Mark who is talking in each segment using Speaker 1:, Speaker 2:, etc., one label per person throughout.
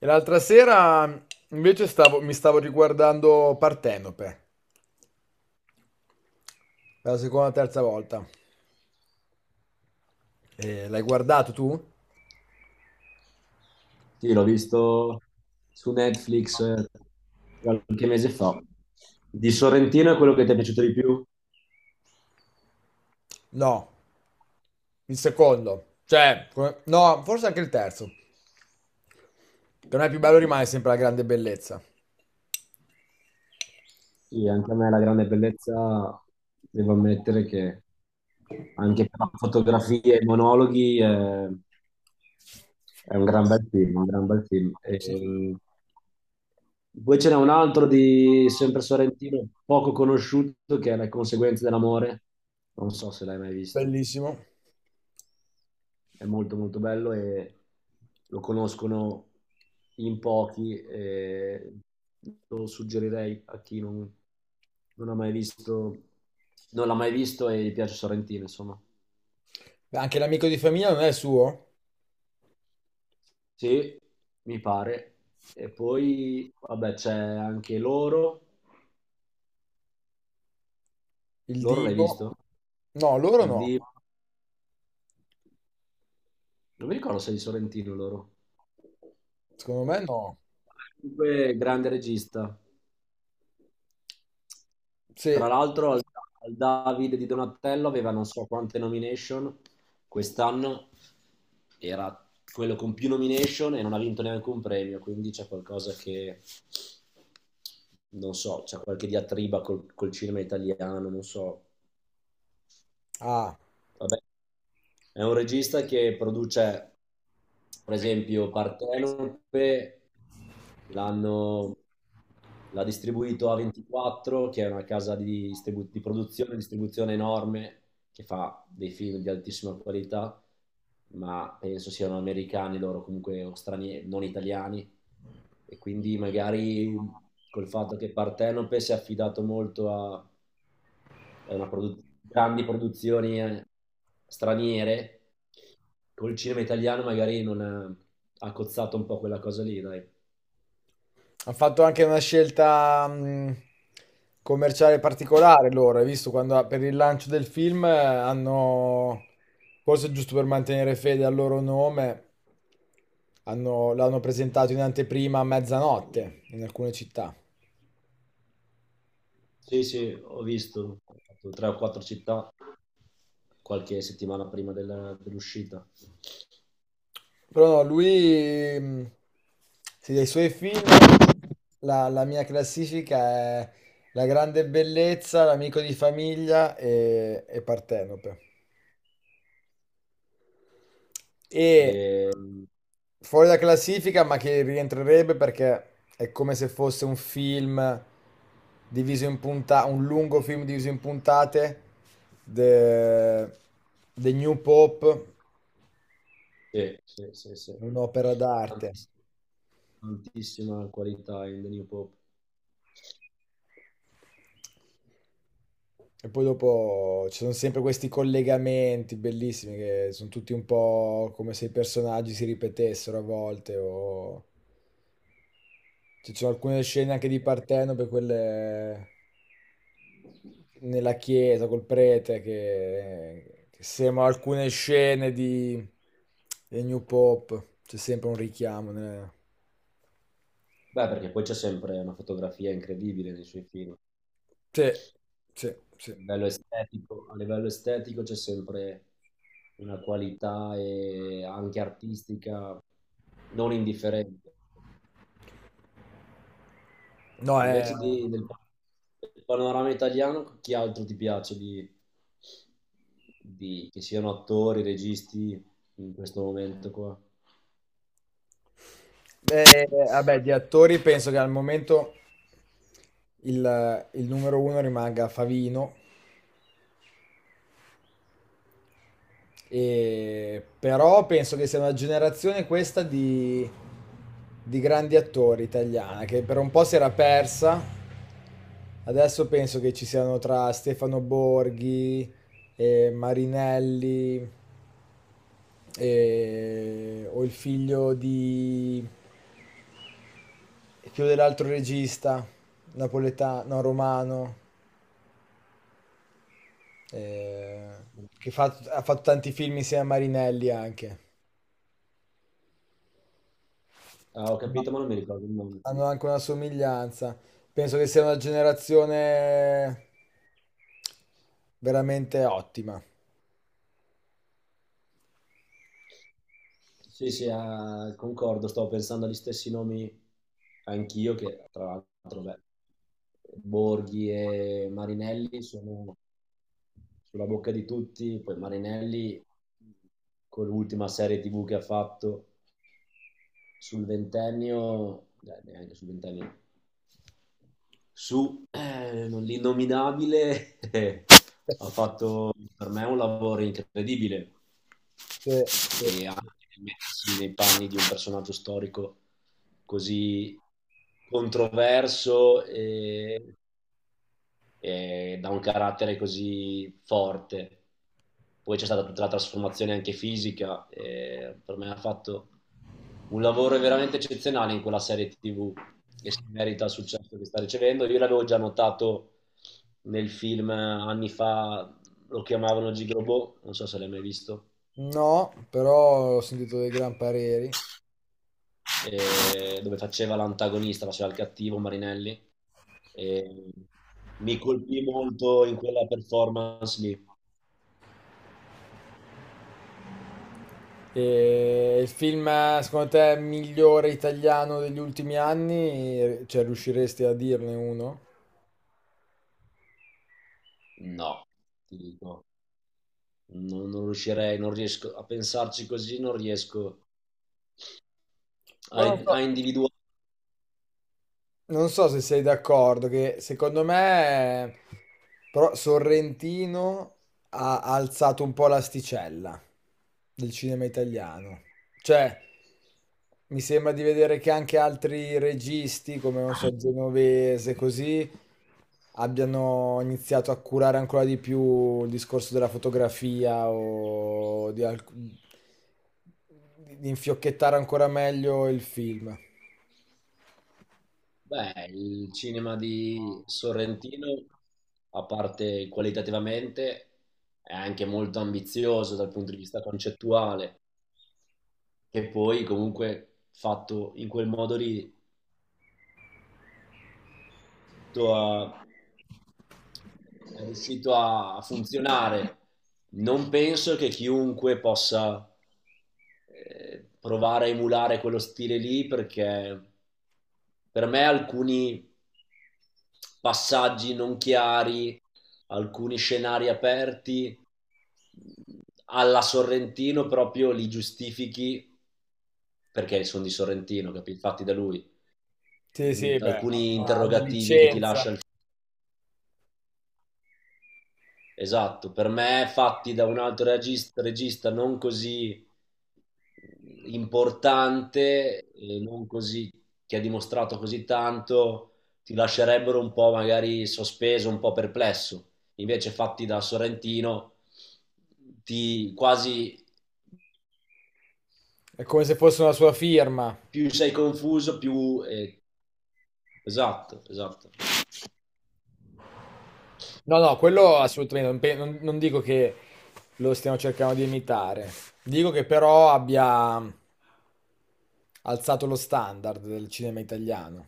Speaker 1: E l'altra sera invece mi stavo riguardando Partenope, per la seconda o terza volta. E l'hai guardato tu?
Speaker 2: Sì, l'ho visto su Netflix qualche mese fa. Di Sorrentino è quello che ti è piaciuto di più?
Speaker 1: No, il secondo. Cioè, no, forse anche il terzo. Per me il più bello rimane sempre La grande bellezza.
Speaker 2: Sì, anche a me la grande bellezza, devo ammettere che anche per la fotografia e i monologhi è un gran bel film, un gran bel film. E
Speaker 1: Sì.
Speaker 2: eh, poi ce n'è un altro di sempre Sorrentino, poco conosciuto, che è Le conseguenze dell'amore. Non so se l'hai mai visto.
Speaker 1: Bellissimo.
Speaker 2: È molto molto bello e lo conoscono in pochi e lo suggerirei a chi non ha mai visto, non l'ha mai visto e gli piace Sorrentino, insomma.
Speaker 1: Beh, anche L'amico di famiglia non è suo?
Speaker 2: Sì, mi pare. E poi, vabbè, c'è anche loro.
Speaker 1: Il
Speaker 2: Loro l'hai
Speaker 1: Divo?
Speaker 2: visto?
Speaker 1: No, loro
Speaker 2: Il
Speaker 1: no.
Speaker 2: D. Non mi ricordo se è di Sorrentino loro.
Speaker 1: Secondo me no.
Speaker 2: Comunque, grande regista.
Speaker 1: Sì.
Speaker 2: Tra l'altro, al David di Donatello aveva non so quante nomination quest'anno, era quello con più nomination e non ha vinto neanche un premio, quindi c'è qualcosa che non so, c'è qualche diatriba col cinema italiano, non so.
Speaker 1: Ah.
Speaker 2: Vabbè, è un regista che produce, per esempio, Partenope. L'hanno L'ha distribuito a 24, che è una casa di produzione e distribuzione enorme, che fa dei film di altissima qualità, ma penso siano americani loro, comunque, o stranieri, non italiani. E quindi magari col fatto che Partenope si è affidato molto a grandi produzioni straniere, col cinema italiano magari non ha, ha cozzato un po' quella cosa lì, dai.
Speaker 1: Ha fatto anche una scelta commerciale particolare loro. Hai visto quando per il lancio del film hanno, forse giusto per mantenere fede al loro nome, l'hanno presentato in anteprima a mezzanotte in alcune città.
Speaker 2: Sì, sì, ho fatto tre o quattro città qualche settimana prima dell'uscita.
Speaker 1: Però no, lui, sì, dei suoi film, la mia classifica è La grande bellezza, L'amico di famiglia e Partenope. E
Speaker 2: E,
Speaker 1: fuori da classifica, ma che rientrerebbe perché è come se fosse un film diviso in puntate, un lungo film diviso in puntate, The, The New Pope,
Speaker 2: sì, sì, sì, sì.
Speaker 1: un'opera d'arte.
Speaker 2: Tantiss- Tantissima qualità in The New Pope.
Speaker 1: E poi dopo ci sono sempre questi collegamenti bellissimi che sono tutti un po' come se i personaggi si ripetessero a volte o... Ci sono alcune scene anche di Partenope, quelle nella chiesa col prete, che sembrano alcune scene di, del New Pop. C'è sempre un richiamo.
Speaker 2: Beh, perché poi c'è sempre una fotografia incredibile nei suoi film.
Speaker 1: Sì, sì, sì.
Speaker 2: A livello estetico c'è sempre una qualità e anche artistica non indifferente.
Speaker 1: No, è...
Speaker 2: Invece del panorama italiano, chi altro ti piace che siano attori, registi in questo momento qua?
Speaker 1: Beh, vabbè, di attori penso che al momento il numero uno rimanga Favino. Però penso che sia una generazione questa di grandi attori italiana che per un po' si era persa. Adesso penso che ci siano tra Stefano Borghi e Marinelli o il figlio di quello dell'altro regista napoletano, no, romano, eh, ha fatto tanti film insieme a Marinelli anche.
Speaker 2: Ah, ho capito, ma non mi ricordo il nome.
Speaker 1: Hanno anche una somiglianza. Penso che sia una generazione veramente ottima.
Speaker 2: Sì, sì, ah, concordo, stavo pensando agli stessi nomi anch'io, che tra l'altro, beh, Borghi e Marinelli sono sulla bocca di tutti, poi Marinelli con l'ultima serie TV che ha fatto sul ventennio, neanche sul ventennio, su l'innominabile, ha fatto per me un lavoro incredibile
Speaker 1: Sì, sì.
Speaker 2: e anche mettersi nei panni di un personaggio storico così controverso e da un carattere così forte. Poi c'è stata tutta la trasformazione anche fisica, per me ha fatto un lavoro veramente eccezionale in quella serie TV che si merita il successo che sta ricevendo. Io l'avevo già notato nel film anni fa, lo chiamavano Gigrobot, non so se l'hai mai visto,
Speaker 1: No, però ho sentito dei gran pareri.
Speaker 2: dove faceva l'antagonista, faceva il cattivo Marinelli. E mi colpì molto in quella performance lì.
Speaker 1: E il film, secondo te, migliore italiano degli ultimi anni? Cioè, riusciresti a dirne uno?
Speaker 2: No, ti dico, non riuscirei, non riesco a pensarci così, non riesco a,
Speaker 1: Però non
Speaker 2: a
Speaker 1: so,
Speaker 2: individuare.
Speaker 1: non so se sei d'accordo, che secondo me però Sorrentino ha alzato un po' l'asticella del cinema italiano. Cioè, mi sembra di vedere che anche altri registi, come non so, Genovese, così, abbiano iniziato a curare ancora di più il discorso della fotografia o di, di infiocchettare ancora meglio il film.
Speaker 2: Beh, il cinema di Sorrentino, a parte qualitativamente, è anche molto ambizioso dal punto di vista concettuale, che poi comunque fatto in quel modo lì a, è riuscito a funzionare. Non penso che chiunque possa provare a emulare quello stile lì, perché per me alcuni passaggi non chiari, alcuni scenari aperti alla Sorrentino proprio li giustifichi perché sono di Sorrentino, capito? Fatti da lui.
Speaker 1: Sì, sì, beh,
Speaker 2: Alcuni
Speaker 1: ha una
Speaker 2: interrogativi che ti
Speaker 1: licenza,
Speaker 2: lascia il. Esatto, per me fatti da un altro regista, non così importante, non così, che ha dimostrato così tanto, ti lascerebbero un po' magari sospeso, un po' perplesso. Invece fatti da Sorrentino, ti quasi
Speaker 1: è come se fosse una sua firma.
Speaker 2: più sei confuso, più. Esatto, esatto.
Speaker 1: No, no, quello assolutamente, non, non dico che lo stiamo cercando di imitare, dico che però abbia alzato lo standard del cinema italiano.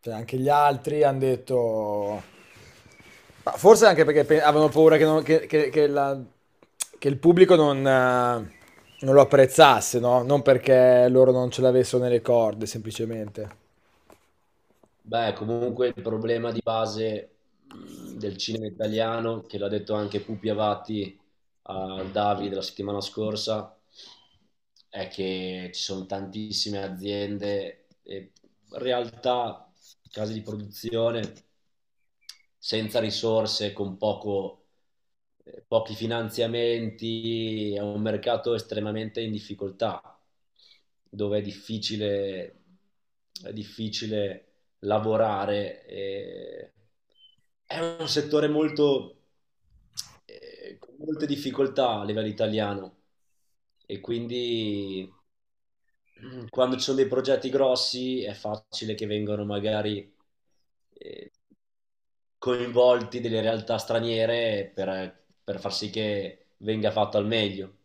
Speaker 1: Cioè, anche gli altri hanno detto... Ma forse anche perché avevano paura che, che la-, che il pubblico non, non lo apprezzasse, no? Non perché loro non ce l'avessero nelle corde, semplicemente.
Speaker 2: Beh, comunque il problema di base, del cinema italiano, che l'ha detto anche Pupi Avati al Davide la settimana scorsa, è che ci sono tantissime aziende e realtà, case di produzione senza risorse, con pochi finanziamenti, è un mercato estremamente in difficoltà, dove è difficile lavorare. E è un settore molto, con molte difficoltà a livello italiano, e quindi quando ci sono dei progetti grossi è facile che vengano magari eh, coinvolti delle realtà straniere per far sì che venga fatto al meglio.